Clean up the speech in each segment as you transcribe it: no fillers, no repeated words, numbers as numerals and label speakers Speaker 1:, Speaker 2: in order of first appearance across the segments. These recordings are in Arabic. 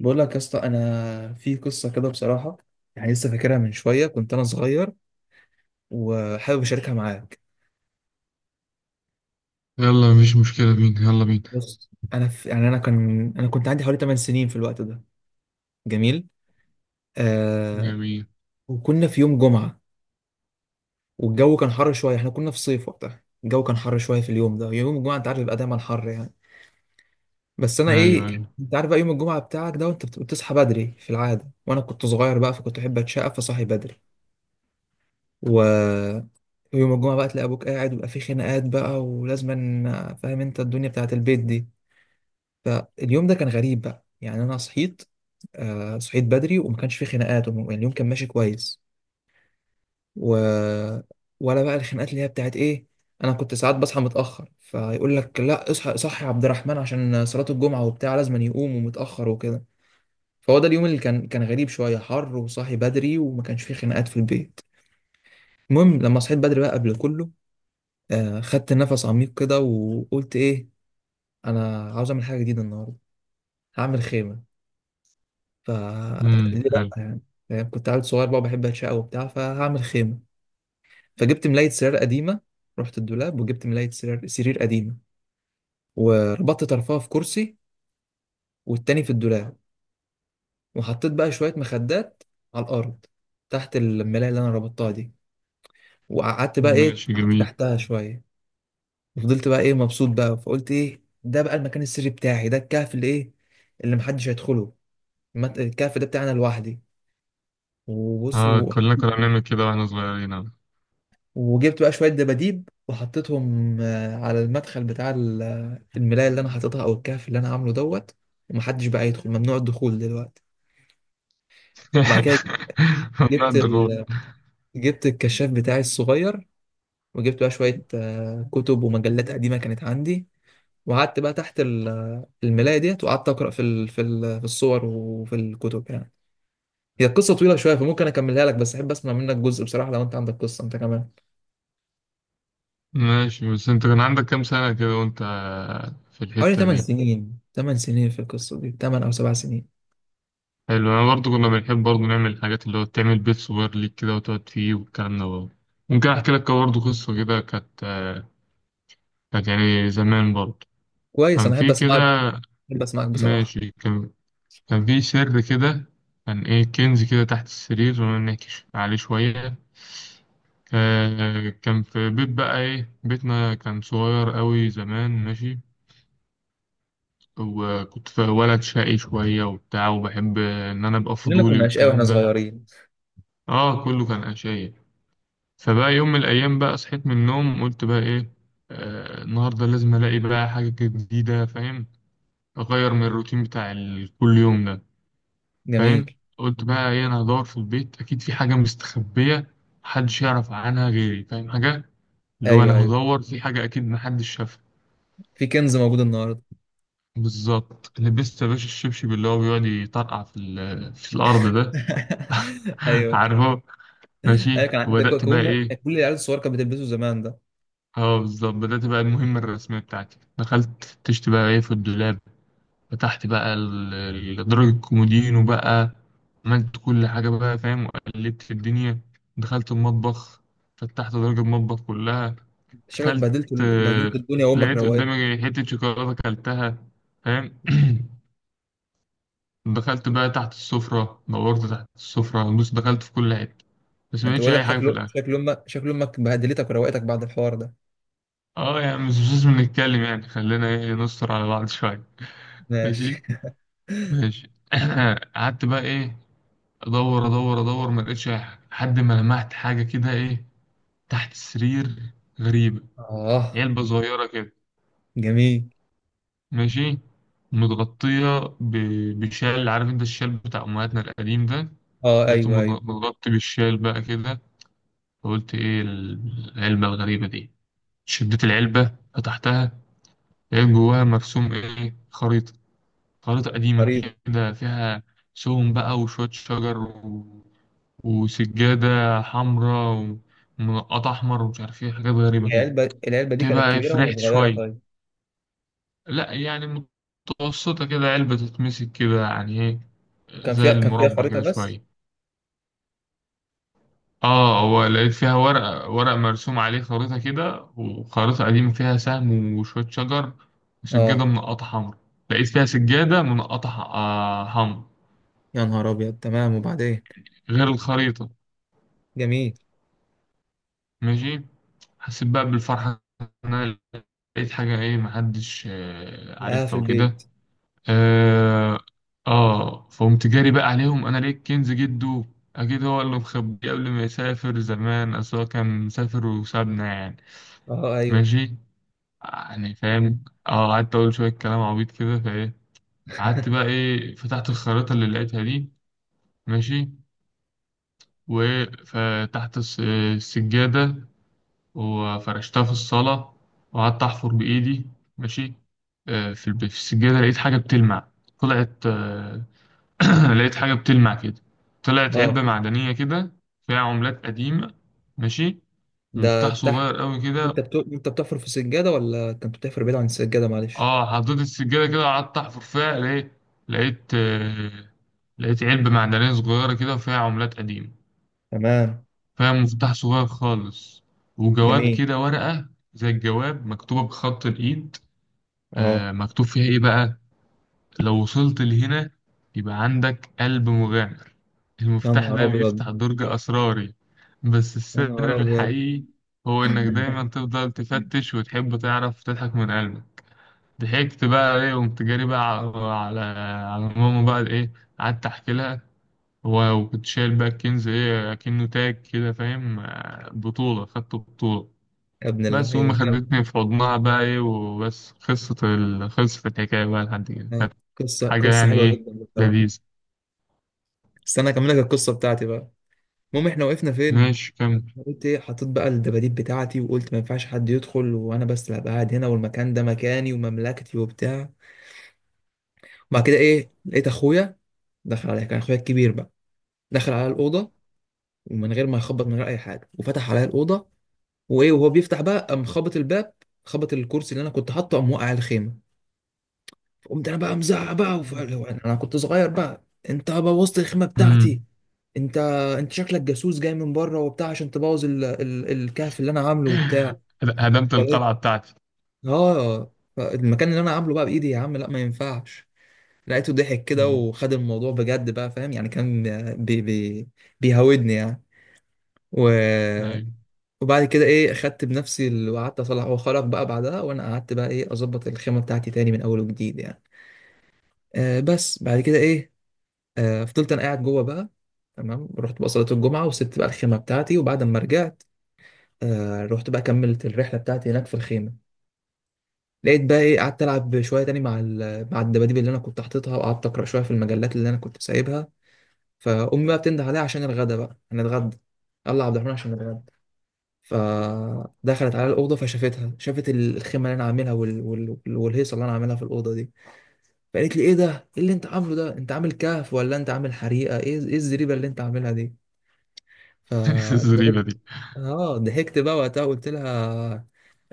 Speaker 1: بقول لك يا اسطى انا في قصه كده بصراحه. لسه فاكرها من شويه، كنت انا صغير وحابب اشاركها معاك.
Speaker 2: يلا، مفيش مشكلة بينا، يلا بينا.
Speaker 1: بص، انا في يعني انا كان انا كنت عندي حوالي 8 سنين في الوقت ده. جميل. آه.
Speaker 2: جميل.
Speaker 1: وكنا في يوم جمعه، والجو كان حر شويه، احنا كنا في صيف وقتها، الجو كان حر شويه في اليوم ده، يوم الجمعه انت عارف بيبقى دايما حر يعني. بس انا
Speaker 2: أيوه
Speaker 1: ايه،
Speaker 2: أيوه.
Speaker 1: انت عارف بقى يوم الجمعه بتاعك ده وانت بتصحى بدري في العاده، وانا كنت صغير بقى، فكنت احب اتشقى فصحي بدري. و ويوم الجمعة بقى تلاقي أبوك قاعد ويبقى في خناقات بقى، ولازما فاهم أنت الدنيا بتاعت البيت دي. فاليوم ده كان غريب بقى، يعني أنا صحيت، آه، صحيت بدري وما كانش في خناقات يعني اليوم كان ماشي كويس. و... ولا بقى الخناقات اللي هي بتاعت إيه، أنا كنت ساعات بصحى متأخر فيقول لك لا اصحى، صحي يا عبد الرحمن عشان صلاة الجمعة وبتاع، لازما يقوم، ومتأخر وكده. فهو ده اليوم اللي كان غريب شوية، حر وصاحي بدري وما كانش فيه خناقات في البيت. المهم لما صحيت بدري بقى قبل كله، آه، خدت نفس عميق كده وقلت ايه، انا عاوز اعمل حاجه جديده النهارده، هعمل خيمه. ف ليه لا
Speaker 2: حلو.
Speaker 1: يعني؟ فاهم؟ كنت عيل صغير بقى بحب اتشقى وبتاع، فهعمل خيمه. فجبت ملايه سرير قديمه، رحت الدولاب وجبت ملايه سرير قديمه، وربطت طرفها في كرسي والتاني في الدولاب، وحطيت بقى شويه مخدات على الارض تحت الملايه اللي انا ربطتها دي، وقعدت بقى ايه،
Speaker 2: ماشي،
Speaker 1: قعدت
Speaker 2: جميل.
Speaker 1: تحتها شويه. فضلت بقى ايه مبسوط بقى، فقلت ايه ده بقى، المكان السري بتاعي ده، الكهف اللي ايه، اللي محدش هيدخله. الكهف ده بتاعنا لوحدي. وبص
Speaker 2: آه، كلنا كنا بنعمل كده وإحنا صغيرين أهو.
Speaker 1: وجبت بقى شوية دباديب وحطيتهم، على المدخل بتاع الملاية اللي انا حاططها، او الكهف اللي انا عامله دوت. ومحدش بقى يدخل، ممنوع الدخول دلوقتي. وبعد كده
Speaker 2: والله
Speaker 1: جبت
Speaker 2: الضغوط.
Speaker 1: ال... جبت الكشاف بتاعي الصغير، وجبت بقى شوية كتب ومجلات قديمة كانت عندي، وقعدت بقى تحت الملاية ديت، وقعدت أقرأ في الصور وفي الكتب يعني. هي القصة طويلة شوية فممكن أكملها لك، بس أحب أسمع منك جزء بصراحة لو أنت عندك قصة أنت كمان.
Speaker 2: ماشي، بس أنت كان عندك كام سنة كده وأنت في
Speaker 1: حوالي
Speaker 2: الحتة
Speaker 1: 8
Speaker 2: دي؟
Speaker 1: سنين، 8 سنين في القصة دي، 8 أو 7 سنين.
Speaker 2: حلو. أنا برضو كنا بنحب برضو نعمل الحاجات اللي هو تعمل بيت صغير ليك كده وتقعد فيه والكلام ده برضو. ممكن أحكي لك برضو قصة كده. كانت كانت يعني زمان برضو.
Speaker 1: كويس،
Speaker 2: كان
Speaker 1: أنا أحب
Speaker 2: في
Speaker 1: أسمعك،
Speaker 2: كده.
Speaker 1: أحب أسمعك بصراحة.
Speaker 2: ماشي. كان في سر كده. كان إيه، كنز كده تحت السرير، ونكش عليه شوية. كان في بيت بقى إيه، بيتنا كان صغير أوي زمان، ماشي. وكنت في ولد شقي شوية وبتاع، وبحب إن أنا أبقى
Speaker 1: كلنا
Speaker 2: فضولي
Speaker 1: كنا أشقياء وإحنا
Speaker 2: والكلام ده.
Speaker 1: صغيرين.
Speaker 2: آه، كله كان أشياء. فبقى يوم من الأيام بقى صحيت من النوم، قلت بقى إيه، آه، النهاردة لازم ألاقي بقى حاجة جديدة، فاهم؟ أغير من الروتين بتاع كل يوم ده.
Speaker 1: جميل.
Speaker 2: فاهم؟ قلت بقى ايه، انا هدور في البيت، اكيد في حاجه مستخبيه محدش يعرف عنها غيري، فاهم؟ حاجه اللي هو انا
Speaker 1: أيوه أيوه،
Speaker 2: هدور في حاجه اكيد محدش شافها.
Speaker 1: في كنز موجود النهاردة.
Speaker 2: بالظبط، لبست يا باشا الشبشب اللي هو بيقعد يطرقع في في الارض ده.
Speaker 1: أيوه.
Speaker 2: عارفه. ماشي،
Speaker 1: أيوه كان عندك
Speaker 2: وبدات بقى ايه.
Speaker 1: كل العيال الصغيرة كانت بتلبسه زمان ده.
Speaker 2: اه بالظبط، بدات بقى المهمه الرسميه بتاعتي. دخلت تشت بقى ايه في الدولاب، فتحت بقى درج الكومودينو بقى، عملت كل حاجة بقى، فاهم؟ وقلبت في الدنيا. دخلت المطبخ، فتحت درج المطبخ كلها.
Speaker 1: شكلك
Speaker 2: أكلت
Speaker 1: بهدلت الدنيا وأمك
Speaker 2: لقيت
Speaker 1: روقت.
Speaker 2: قدامي حتة شوكولاتة أكلتها، فاهم؟ دخلت بقى تحت السفرة، دورت تحت السفرة، بص دخلت في كل حتة، بس ما
Speaker 1: انت
Speaker 2: لقيتش
Speaker 1: بقول لك
Speaker 2: أي حاجة في
Speaker 1: شكله،
Speaker 2: الآخر.
Speaker 1: شكل امك، شكل امك بهدلتك وروقتك بعد الحوار ده.
Speaker 2: اه، يعني مش لازم نتكلم، يعني خلينا ايه نستر على بعض شوية. ماشي.
Speaker 1: ماشي.
Speaker 2: ماشي. قعدت بقى ايه، ادور ادور ادور، ما لقيتش اي حاجه، لحد ما لمحت حاجه كده ايه، تحت السرير، غريبه،
Speaker 1: اه.
Speaker 2: علبه صغيره كده.
Speaker 1: جميل.
Speaker 2: ماشي. متغطيه بشال، عارف انت الشال بتاع امهاتنا القديم ده.
Speaker 1: اه
Speaker 2: لقيته
Speaker 1: ايوه ايوه.
Speaker 2: متغطي بالشال بقى كده. فقلت ايه العلبه الغريبه دي؟ شديت العلبه، فتحتها، لقيت جواها مرسوم ايه، خريطه. خريطه قديمه
Speaker 1: خريطه؟
Speaker 2: كده فيها سهم بقى وشويه شجر، وسجادة حمراء، ومنقطة أحمر، ومش عارف إيه، حاجات غريبة كده.
Speaker 1: العلبه دي كانت
Speaker 2: تبقى إيه،
Speaker 1: كبيره ولا
Speaker 2: فرحت
Speaker 1: صغيره
Speaker 2: شوية.
Speaker 1: طيب؟
Speaker 2: لأ يعني، متوسطة كده، علبة تتمسك كده يعني إيه،
Speaker 1: وكان
Speaker 2: زي
Speaker 1: كان فيها
Speaker 2: المربع
Speaker 1: خريطه
Speaker 2: كده
Speaker 1: بس؟
Speaker 2: شوية. آه، هو لقيت فيها ورق، ورق مرسوم عليه خريطة كده، وخريطة قديمة فيها سهم وشوية شجر
Speaker 1: اه.
Speaker 2: وسجادة منقطة حمراء. لقيت فيها سجادة منقطة حمراء،
Speaker 1: يا نهار ابيض، تمام، وبعدين؟
Speaker 2: غير الخريطة.
Speaker 1: جميل.
Speaker 2: ماشي. حسيت بقى بالفرحة إن أنا لقيت حاجة إيه محدش
Speaker 1: اه، في
Speaker 2: عارفها وكده.
Speaker 1: البيت.
Speaker 2: آه, فقمت جاري بقى عليهم، أنا لقيت كنز جده، أكيد هو اللي مخبيه قبل ما يسافر زمان، أصل هو كان مسافر وسابنا يعني.
Speaker 1: اه ايوه.
Speaker 2: ماشي. يعني فاهم، قعدت أقول شوية كلام عبيط كده، فإيه، قعدت بقى إيه فتحت الخريطة اللي لقيتها دي. ماشي. وفتحت السجادة، وفرشتها في الصالة، وقعدت أحفر بإيدي. ماشي. في في السجادة لقيت حاجة بتلمع. طلعت لقيت حاجة بتلمع كده، طلعت علبة
Speaker 1: اه.
Speaker 2: معدنية كده فيها عملات قديمة. ماشي.
Speaker 1: ده
Speaker 2: ومفتاح
Speaker 1: تحت.
Speaker 2: صغير قوي كده.
Speaker 1: انت بتحفر في السجاده ولا كنت بتحفر بعيد عن السجاده؟ معلش.
Speaker 2: اه، حطيت السجادة كده، قعدت أحفر فيها، لقيت آه، لقيت علبة معدنية صغيرة كده فيها عملات قديمة،
Speaker 1: تمام.
Speaker 2: فيها مفتاح صغير خالص، وجواب
Speaker 1: جميل.
Speaker 2: كده، ورقة زي الجواب مكتوبة بخط الإيد.
Speaker 1: اه.
Speaker 2: مكتوب فيها إيه بقى: لو وصلت لهنا، يبقى عندك قلب مغامر،
Speaker 1: يا
Speaker 2: المفتاح
Speaker 1: نهار
Speaker 2: ده
Speaker 1: ابيض.
Speaker 2: بيفتح درج أسراري، بس
Speaker 1: يا
Speaker 2: السر
Speaker 1: نهار ابيض.
Speaker 2: الحقيقي هو إنك دايما تفضل تفتش وتحب تعرف تضحك من قلبك. ضحكت بقى إيه، وقمت جاري بقى على ماما بقى إيه، قعدت أحكي لها. وكنت شايل بقى الكنز إيه كأنه تاج كده، فاهم، بطولة، خدت بطولة.
Speaker 1: يا ابن
Speaker 2: بس وأمي
Speaker 1: اللعيبه.
Speaker 2: خدتني في حضنها بقى إيه، وبس خلصت خلصت الحكاية بقى لحد كده، كانت
Speaker 1: آه،
Speaker 2: حاجة
Speaker 1: قصة
Speaker 2: يعني
Speaker 1: حلوة
Speaker 2: إيه،
Speaker 1: جدا بصراحة.
Speaker 2: لذيذة.
Speaker 1: استنى أكمل لك القصة بتاعتي بقى. المهم إحنا وقفنا فين؟
Speaker 2: ماشي، كمل.
Speaker 1: قلت إيه، حطيت بقى الدباديب بتاعتي وقلت ما ينفعش حد يدخل، وأنا بس اللي هبقى قاعد هنا، والمكان ده مكاني ومملكتي وبتاع. وبعد كده إيه، لقيت أخويا دخل عليا، كان أخويا الكبير بقى، دخل على الأوضة ومن غير ما يخبط، من غير أي حاجة، وفتح عليا الأوضة، وإيه وهو بيفتح بقى قام خبط الباب، خبط الكرسي اللي أنا كنت حاطه، قام وقع على الخيمة. قمت أنا بقى مزعق بقى أنا كنت صغير بقى. أنت بوظت الخيمة بتاعتي.
Speaker 2: مم.
Speaker 1: انت انت شكلك جاسوس جاي من بره وبتاع عشان تبوظ الكهف اللي انا عامله وبتاع.
Speaker 2: هدمت
Speaker 1: فلقيت،
Speaker 2: القلعة بتاعتي.
Speaker 1: اه، المكان اللي انا عامله بقى بايدي يا عم، لا ما ينفعش. لقيته ضحك كده
Speaker 2: مم.
Speaker 1: وخد الموضوع بجد بقى، فاهم يعني، كان بي... بي... بيهودني يعني. و...
Speaker 2: أيوة.
Speaker 1: وبعد كده ايه، خدت بنفسي وقعدت اصلح، هو خرج بقى بعدها وانا قعدت بقى ايه اظبط الخيمه بتاعتي تاني من اول وجديد يعني. آه، بس بعد كده ايه، آه، فضلت انا قاعد جوه بقى. تمام، رحت بقى صلاه الجمعه وسبت بقى الخيمه بتاعتي، وبعد ما رجعت آه رحت بقى كملت الرحله بتاعتي هناك في الخيمه. لقيت بقى ايه، قعدت العب شويه تاني مع مع الدباديب اللي انا كنت حاططها، وقعدت اقرا شويه في المجلات اللي انا كنت سايبها. فامي بقى بتنده عليا عشان الغدا بقى هنتغدى، يلا يا عبد الرحمن عشان نتغدى. فدخلت على الاوضه فشافتها، شافت الخيمه اللي انا عاملها والهيصه اللي انا عاملها في الاوضه دي. فقالت لي ايه ده، ايه اللي انت عامله ده، انت عامل كهف ولا انت عامل حريقه، ايه ايه الزريبه اللي انت عاملها دي؟ فضحكت،
Speaker 2: الزريبة دي.
Speaker 1: اه ضحكت بقى وقتها قلت لها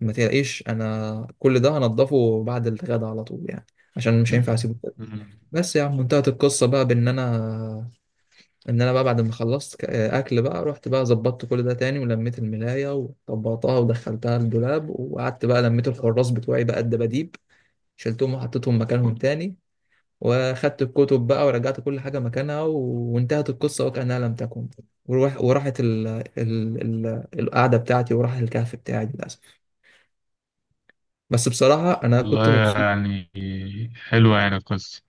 Speaker 1: ما تلاقيش، انا كل ده هنضفه بعد الغدا على طول يعني، عشان مش هينفع اسيبه كده.
Speaker 2: مم.
Speaker 1: بس يا عم انتهت القصه بقى بان انا، ان انا بقى بعد ما خلصت اكل بقى، رحت بقى ظبطت كل ده تاني، ولميت الملايه وطبقتها ودخلتها الدولاب، وقعدت بقى لميت الحراس بتوعي بقى الدباديب، شلتهم وحطيتهم مكانهم تاني، واخدت الكتب بقى ورجعت كل حاجه مكانها. وانتهت القصه وكانها لم تكن. وراحت ال... القعده بتاعتي وراح الكهف بتاعي للاسف. بس بصراحة أنا كنت
Speaker 2: والله،
Speaker 1: مبسوط،
Speaker 2: يعني حلوة يعني القصة.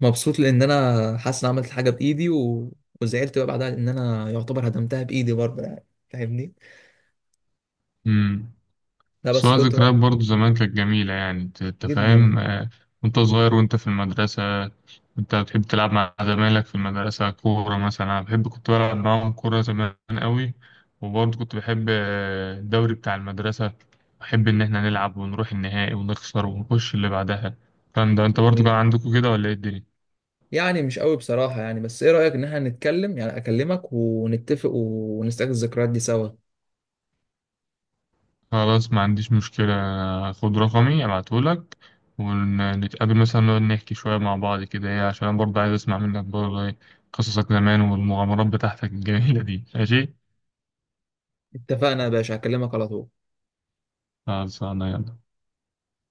Speaker 1: مبسوط لان انا حاسس ان عملت حاجه بايدي، وزعلت بقى بعدها لان انا يعتبر هدمتها بايدي برضه يعني، فاهمني؟
Speaker 2: مم.
Speaker 1: لا بس
Speaker 2: سواء
Speaker 1: كنت
Speaker 2: ذكريات
Speaker 1: وقت،
Speaker 2: برضو زمان كانت جميلة، يعني انت
Speaker 1: جدا.
Speaker 2: فاهم، وانت صغير وانت في المدرسة، انت بتحب تلعب مع زمايلك في المدرسة كورة مثلا. انا بحب، كنت بلعب معاهم كورة زمان قوي. وبرضو كنت بحب الدوري بتاع المدرسة. بحب ان احنا نلعب ونروح النهائي ونخسر ونخش اللي بعدها. الكلام ده انت برضو كان
Speaker 1: يعني
Speaker 2: عندكم كده ولا ايه الدنيا؟
Speaker 1: مش قوي بصراحه يعني، بس ايه رايك ان احنا نتكلم، يعني اكلمك ونتفق ونستعيد الذكريات دي سوا.
Speaker 2: خلاص، ما عنديش مشكلة، خد رقمي ابعتهولك، ونتقابل مثلا، نقعد نحكي شوية مع بعض كده ايه، عشان أنا برضه عايز اسمع منك برضه ايه قصصك زمان والمغامرات بتاعتك الجميلة دي، ماشي.
Speaker 1: اتفقنا يا باشا، هكلمك على طول.
Speaker 2: خلاص، انا يلا.